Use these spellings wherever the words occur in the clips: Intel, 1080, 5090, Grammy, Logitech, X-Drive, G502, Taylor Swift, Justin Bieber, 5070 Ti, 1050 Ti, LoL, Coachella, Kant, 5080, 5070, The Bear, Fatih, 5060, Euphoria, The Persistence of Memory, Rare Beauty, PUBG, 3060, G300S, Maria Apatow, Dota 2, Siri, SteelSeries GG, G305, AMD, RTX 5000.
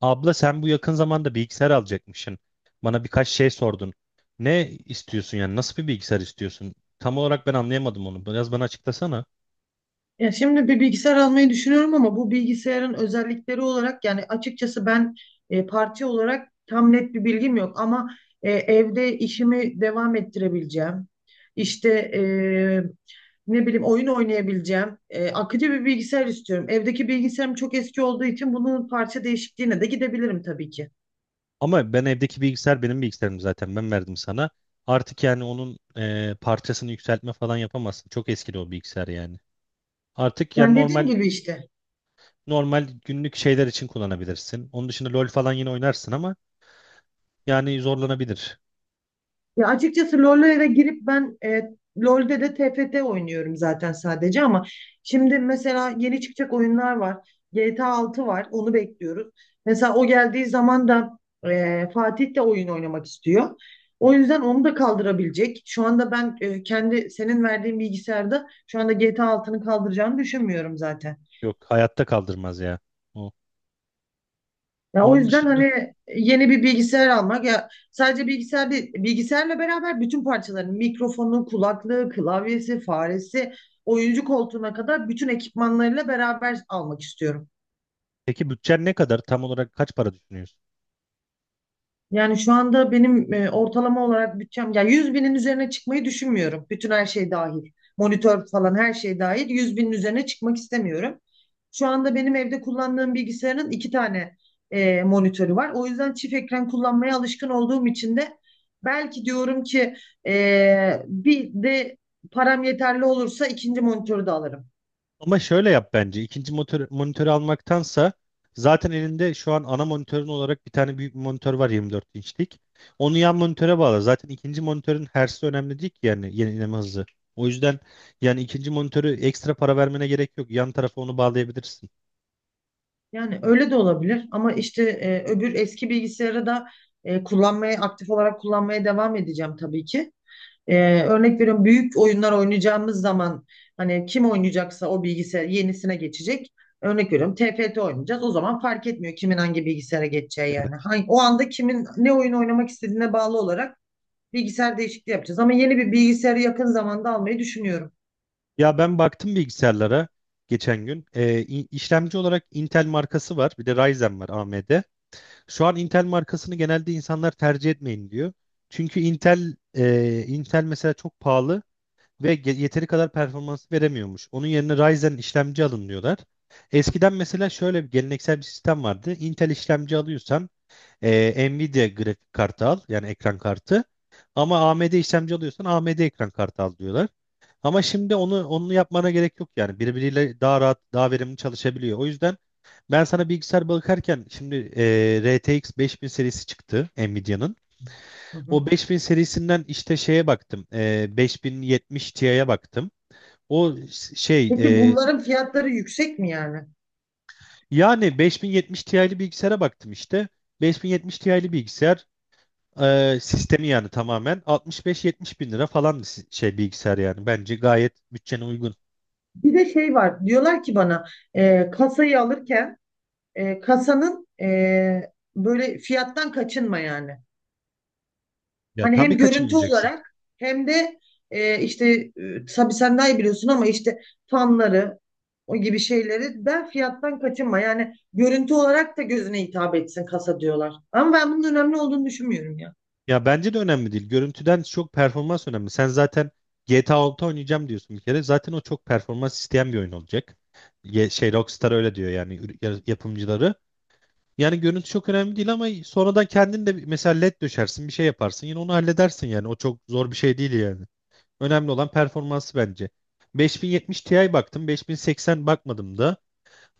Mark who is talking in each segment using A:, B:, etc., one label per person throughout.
A: Abla sen bu yakın zamanda bilgisayar alacakmışsın. Bana birkaç şey sordun. Ne istiyorsun yani? Nasıl bir bilgisayar istiyorsun? Tam olarak ben anlayamadım onu. Biraz bana açıklasana.
B: Ya şimdi bir bilgisayar almayı düşünüyorum ama bu bilgisayarın özellikleri olarak yani açıkçası ben parça olarak tam net bir bilgim yok ama evde işimi devam ettirebileceğim. İşte e, ne bileyim oyun oynayabileceğim. Akıcı bir bilgisayar istiyorum. Evdeki bilgisayarım çok eski olduğu için bunun parça değişikliğine de gidebilirim tabii ki.
A: Ama ben evdeki bilgisayar benim bilgisayarım zaten. Ben verdim sana. Artık yani onun parçasını yükseltme falan yapamazsın. Çok eskidi o bilgisayar yani. Artık yani
B: Yani dediğim
A: normal
B: gibi işte.
A: normal günlük şeyler için kullanabilirsin. Onun dışında LoL falan yine oynarsın ama yani zorlanabilir.
B: Ya açıkçası LoL'e girip ben LoL'de de TFT oynuyorum zaten sadece ama şimdi mesela yeni çıkacak oyunlar var. GTA 6 var. Onu bekliyoruz. Mesela o geldiği zaman da Fatih de oyun oynamak istiyor. O yüzden onu da kaldırabilecek. Şu anda ben kendi senin verdiğin bilgisayarda şu anda GTA 6'nı kaldıracağını düşünmüyorum zaten.
A: Yok hayatta kaldırmaz ya. O.
B: Ya o
A: Onun
B: yüzden
A: dışında
B: hani yeni bir bilgisayar almak ya sadece bilgisayar değil, bilgisayarla beraber bütün parçaların mikrofonu, kulaklığı, klavyesi, faresi, oyuncu koltuğuna kadar bütün ekipmanlarıyla beraber almak istiyorum.
A: peki bütçen ne kadar? Tam olarak kaç para düşünüyorsun?
B: Yani şu anda benim ortalama olarak bütçem ya 100.000'in üzerine çıkmayı düşünmüyorum. Bütün her şey dahil. Monitör falan her şey dahil. 100.000'in üzerine çıkmak istemiyorum. Şu anda benim evde kullandığım bilgisayarın iki tane monitörü var. O yüzden çift ekran kullanmaya alışkın olduğum için de belki diyorum ki bir de param yeterli olursa ikinci monitörü de alırım.
A: Ama şöyle yap bence. İkinci motor, monitörü almaktansa zaten elinde şu an ana monitörün olarak bir tane büyük bir monitör var, 24 inçlik. Onu yan monitöre bağla. Zaten ikinci monitörün hertz'i önemli değil ki, yani yenileme hızı. O yüzden yani ikinci monitörü ekstra para vermene gerek yok. Yan tarafa onu bağlayabilirsin.
B: Yani öyle de olabilir ama işte öbür eski bilgisayarı da kullanmaya aktif olarak kullanmaya devam edeceğim tabii ki. Örnek veriyorum büyük oyunlar oynayacağımız zaman hani kim oynayacaksa o bilgisayar yenisine geçecek. Örnek veriyorum TFT oynayacağız. O zaman fark etmiyor kimin hangi bilgisayara geçeceği yani. Hangi, o anda kimin ne oyun oynamak istediğine bağlı olarak bilgisayar değişikliği yapacağız. Ama yeni bir bilgisayarı yakın zamanda almayı düşünüyorum.
A: Ya ben baktım bilgisayarlara geçen gün. İşlemci olarak Intel markası var. Bir de Ryzen var, AMD. Şu an Intel markasını genelde insanlar tercih etmeyin diyor. Çünkü Intel Intel mesela çok pahalı ve yeteri kadar performans veremiyormuş. Onun yerine Ryzen işlemci alın diyorlar. Eskiden mesela şöyle bir geleneksel bir sistem vardı. Intel işlemci alıyorsan Nvidia grafik kartı al, yani ekran kartı. Ama AMD işlemci alıyorsan AMD ekran kartı al diyorlar. Ama şimdi onu yapmana gerek yok yani. Birbiriyle daha rahat, daha verimli çalışabiliyor. O yüzden ben sana bilgisayar bakarken şimdi RTX 5000 serisi çıktı Nvidia'nın.
B: Hı
A: O
B: hı.
A: 5000 serisinden işte şeye baktım. 5070 Ti'ye baktım. O şey
B: Peki
A: e,
B: bunların fiyatları yüksek mi yani?
A: yani 5070 Ti'li bilgisayara baktım işte. 5070 Ti'li bilgisayar sistemi yani tamamen 65-70 bin lira falan şey bilgisayar yani. Bence gayet bütçene uygun.
B: Bir de şey var. Diyorlar ki bana kasayı alırken kasanın böyle fiyattan kaçınma yani.
A: Ya
B: Hani
A: tabii
B: hem görüntü
A: kaçınmayacaksın.
B: olarak hem de işte tabii sen daha iyi biliyorsun ama işte fanları o gibi şeyleri ben fiyattan kaçınma. Yani görüntü olarak da gözüne hitap etsin kasa diyorlar. Ama ben bunun önemli olduğunu düşünmüyorum ya.
A: Ya bence de önemli değil. Görüntüden çok performans önemli. Sen zaten GTA 6 oynayacağım diyorsun bir kere. Zaten o çok performans isteyen bir oyun olacak. Şey Rockstar öyle diyor, yani yapımcıları. Yani görüntü çok önemli değil ama sonradan kendin de mesela led döşersin, bir şey yaparsın, yine onu halledersin yani. O çok zor bir şey değil yani. Önemli olan performansı bence. 5070 Ti baktım, 5080 bakmadım da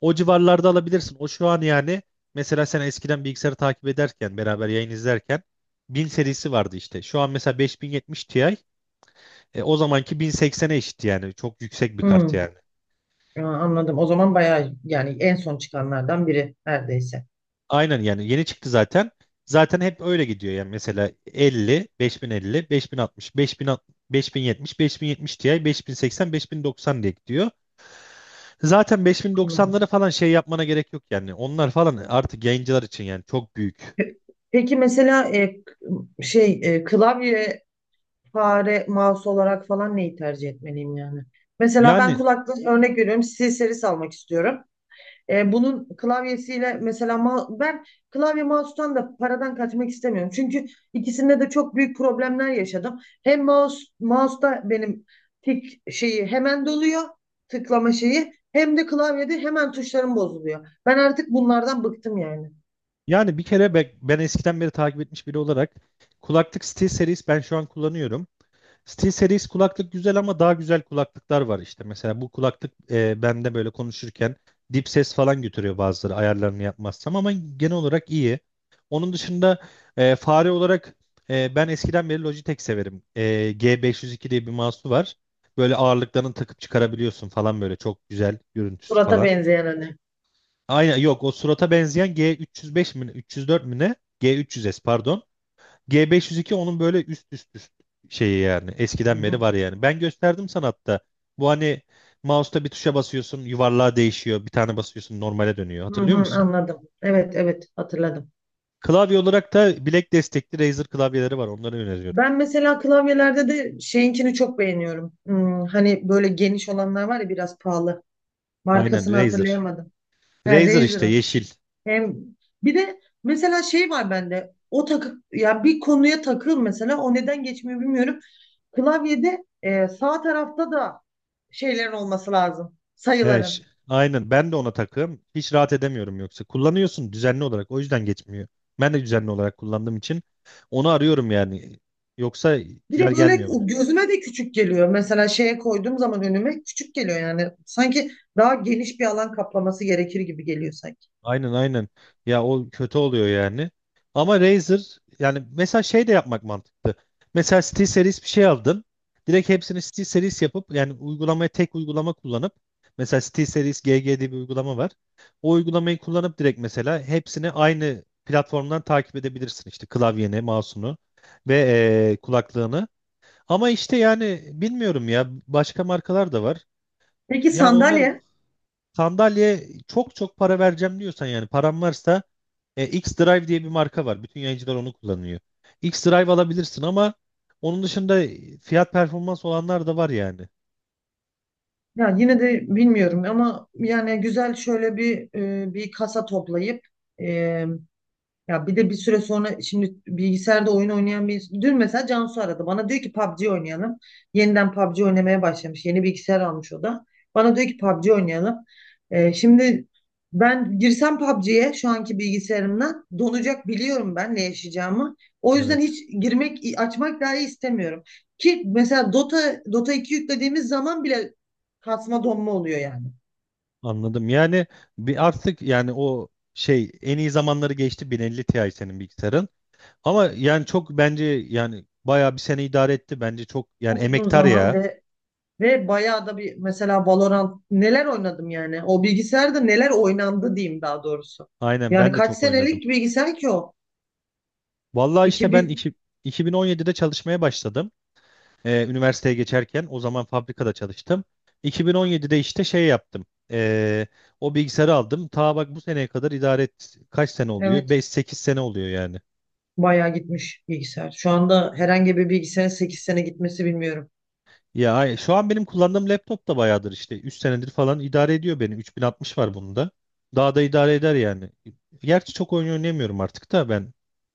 A: o civarlarda alabilirsin. O şu an yani mesela sen eskiden bilgisayarı takip ederken beraber yayın izlerken 1000 serisi vardı işte. Şu an mesela 5070 Ti o zamanki 1080'e eşit, yani çok yüksek bir kart
B: Hmm,
A: yani.
B: ya anladım. O zaman bayağı yani en son çıkanlardan biri neredeyse.
A: Aynen, yani yeni çıktı zaten. Zaten hep öyle gidiyor yani. Mesela 50, 5050, 5060, 5060, 5070, 5070 Ti, 5080, 5090 diye gidiyor. Zaten
B: Hmm.
A: 5090'ları falan şey yapmana gerek yok yani. Onlar falan artık yayıncılar için yani, çok büyük.
B: Pe- Peki mesela şey klavye, fare, mouse olarak falan neyi tercih etmeliyim yani? Mesela ben
A: Yani
B: kulaklık örnek veriyorum. Siri serisi almak istiyorum. Bunun klavyesiyle mesela ben klavye mouse'tan da paradan kaçmak istemiyorum. Çünkü ikisinde de çok büyük problemler yaşadım. Hem mouse'da benim tik şeyi hemen doluyor, tıklama şeyi hem de klavyede hemen tuşlarım bozuluyor. Ben artık bunlardan bıktım yani.
A: bir kere ben eskiden beri takip etmiş biri olarak kulaklık SteelSeries ben şu an kullanıyorum. SteelSeries kulaklık güzel ama daha güzel kulaklıklar var işte. Mesela bu kulaklık bende böyle konuşurken dip ses falan götürüyor bazıları, ayarlarını yapmazsam. Ama genel olarak iyi. Onun dışında fare olarak ben eskiden beri Logitech severim. G502 diye bir mouse'u var. Böyle ağırlıklarını takıp çıkarabiliyorsun falan, böyle çok güzel görüntüsü
B: Surata
A: falan.
B: benzeyen hani.
A: Aynen, yok o surata benzeyen G305 mi ne, 304 mi ne? G300S pardon. G502 onun böyle üst şeyi yani.
B: Hı
A: Eskiden beri
B: hı.
A: var yani. Ben gösterdim sana hatta. Bu hani mouse'ta bir tuşa basıyorsun, yuvarlağa değişiyor. Bir tane basıyorsun, normale dönüyor.
B: Hı hı,
A: Hatırlıyor musun?
B: anladım. Evet, evet, hatırladım.
A: Klavye olarak da bilek destekli Razer klavyeleri var. Onları öneriyorum.
B: Ben mesela klavyelerde de şeyinkini çok beğeniyorum. Hmm, hani böyle geniş olanlar var ya biraz pahalı.
A: Aynen,
B: Markasını
A: Razer.
B: hatırlayamadım. He,
A: Razer işte,
B: Razer'ın.
A: yeşil.
B: Hem bir de mesela şey var bende. O takı ya bir konuya takıl mesela o neden geçmiyor bilmiyorum. Klavyede sağ tarafta da şeylerin olması lazım.
A: He,
B: Sayıların.
A: aynen, ben de ona takığım. Hiç rahat edemiyorum yoksa. Kullanıyorsun düzenli olarak. O yüzden geçmiyor. Ben de düzenli olarak kullandığım için onu arıyorum yani. Yoksa
B: Bir
A: güzel
B: de böyle
A: gelmiyor bana.
B: o gözüme de küçük geliyor. Mesela şeye koyduğum zaman önüme küçük geliyor yani. Sanki daha geniş bir alan kaplaması gerekir gibi geliyor sanki.
A: Aynen, aynen. Ya o kötü oluyor yani. Ama Razer yani. Mesela şey de yapmak mantıklı. Mesela SteelSeries bir şey aldın. Direkt hepsini SteelSeries yapıp yani uygulamaya, tek uygulama kullanıp. Mesela SteelSeries GG diye bir uygulama var. O uygulamayı kullanıp direkt mesela hepsini aynı platformdan takip edebilirsin. İşte klavyeni, mouse'unu ve kulaklığını. Ama işte yani bilmiyorum ya, başka markalar da var.
B: Peki
A: Ya onlar,
B: sandalye?
A: sandalye çok çok para vereceğim diyorsan, yani param varsa X-Drive diye bir marka var. Bütün yayıncılar onu kullanıyor. X-Drive alabilirsin ama onun dışında fiyat performans olanlar da var yani.
B: Ya yine de bilmiyorum ama yani güzel şöyle bir bir kasa toplayıp e, ya bir de bir süre sonra şimdi bilgisayarda oyun oynayan bir dün mesela Cansu aradı. Bana diyor ki PUBG oynayalım. Yeniden PUBG oynamaya başlamış. Yeni bilgisayar almış o da. Bana diyor ki PUBG oynayalım. Şimdi ben girsem PUBG'ye şu anki bilgisayarımdan donacak biliyorum ben ne yaşayacağımı. O yüzden
A: Evet,
B: hiç girmek, açmak dahi istemiyorum. Ki mesela Dota 2 yüklediğimiz zaman bile kasma donma oluyor yani.
A: anladım. Yani bir, artık yani o şey, en iyi zamanları geçti. 1050 Ti senin bilgisayarın. Ama yani çok bence, yani bayağı bir sene idare etti. Bence çok yani,
B: Çok uzun
A: emektar
B: zaman
A: ya.
B: ve ve bayağı da bir mesela Valorant neler oynadım yani. O bilgisayarda neler oynandı diyeyim daha doğrusu.
A: Aynen,
B: Yani
A: ben de
B: kaç
A: çok oynadım.
B: senelik bilgisayar ki o?
A: Vallahi işte ben
B: 2000,
A: iki, 2017'de çalışmaya başladım. Üniversiteye geçerken o zaman fabrikada çalıştım. 2017'de işte şey yaptım. Ee, o bilgisayarı aldım. Ta bak bu seneye kadar idare et. Kaç sene oluyor?
B: evet,
A: Beş, sekiz sene oluyor yani.
B: bayağı gitmiş bilgisayar. Şu anda herhangi bir bilgisayarın 8 sene gitmesi bilmiyorum.
A: Ya şu an benim kullandığım laptop da bayağıdır işte. 3 senedir falan idare ediyor beni. 3060 var bunda. Daha da idare eder yani. Gerçi çok oyun oynayamıyorum artık da ben.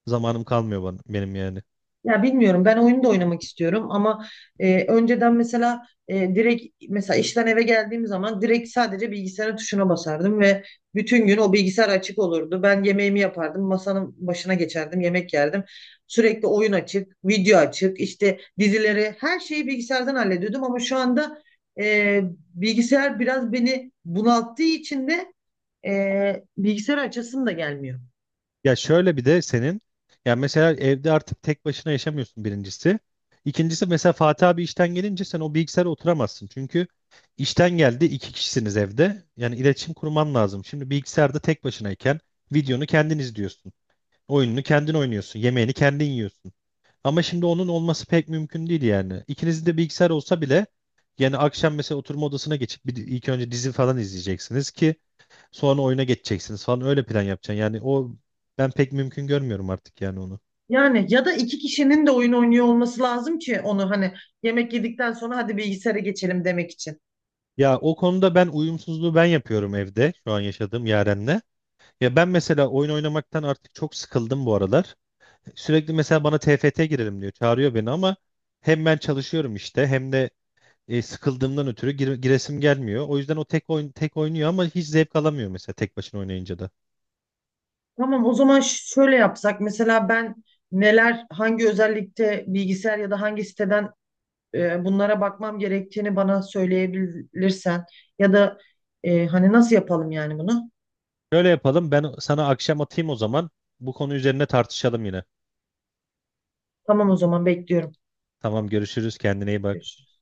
A: Zamanım kalmıyor bana, benim yani.
B: Ya bilmiyorum, ben oyunu da oynamak istiyorum ama önceden mesela direkt mesela işten eve geldiğim zaman direkt sadece bilgisayarın tuşuna basardım ve bütün gün o bilgisayar açık olurdu. Ben yemeğimi yapardım, masanın başına geçerdim, yemek yerdim. Sürekli oyun açık, video açık, işte dizileri, her şeyi bilgisayardan hallediyordum ama şu anda e, bilgisayar biraz beni bunalttığı için de bilgisayar açasım da gelmiyor.
A: Ya şöyle bir de senin, ya mesela evde artık tek başına yaşamıyorsun birincisi. İkincisi, mesela Fatih abi işten gelince sen o bilgisayara oturamazsın. Çünkü işten geldi, 2 kişisiniz evde. Yani iletişim kurman lazım. Şimdi bilgisayarda tek başınayken videonu kendin izliyorsun. Oyununu kendin oynuyorsun. Yemeğini kendin yiyorsun. Ama şimdi onun olması pek mümkün değil yani. İkinizin de bilgisayar olsa bile yani akşam mesela oturma odasına geçip bir, ilk önce dizi falan izleyeceksiniz ki sonra oyuna geçeceksiniz falan, öyle plan yapacaksın. Yani o, ben pek mümkün görmüyorum artık yani onu.
B: Yani ya da iki kişinin de oyun oynuyor olması lazım ki onu hani yemek yedikten sonra hadi bilgisayara geçelim demek için.
A: Ya o konuda ben uyumsuzluğu ben yapıyorum evde, şu an yaşadığım Yaren'le. Ya ben mesela oyun oynamaktan artık çok sıkıldım bu aralar. Sürekli mesela bana TFT girelim diyor. Çağırıyor beni ama hem ben çalışıyorum işte, hem de sıkıldığımdan ötürü giresim gelmiyor. O yüzden o tek oyun, tek oynuyor ama hiç zevk alamıyor mesela tek başına oynayınca da.
B: Tamam, o zaman şöyle yapsak mesela ben neler hangi özellikte bilgisayar ya da hangi siteden bunlara bakmam gerektiğini bana söyleyebilirsen ya da hani nasıl yapalım yani bunu?
A: Şöyle yapalım, ben sana akşam atayım o zaman. Bu konu üzerine tartışalım yine.
B: Tamam, o zaman bekliyorum.
A: Tamam, görüşürüz, kendine iyi bak.
B: Görüşürüz.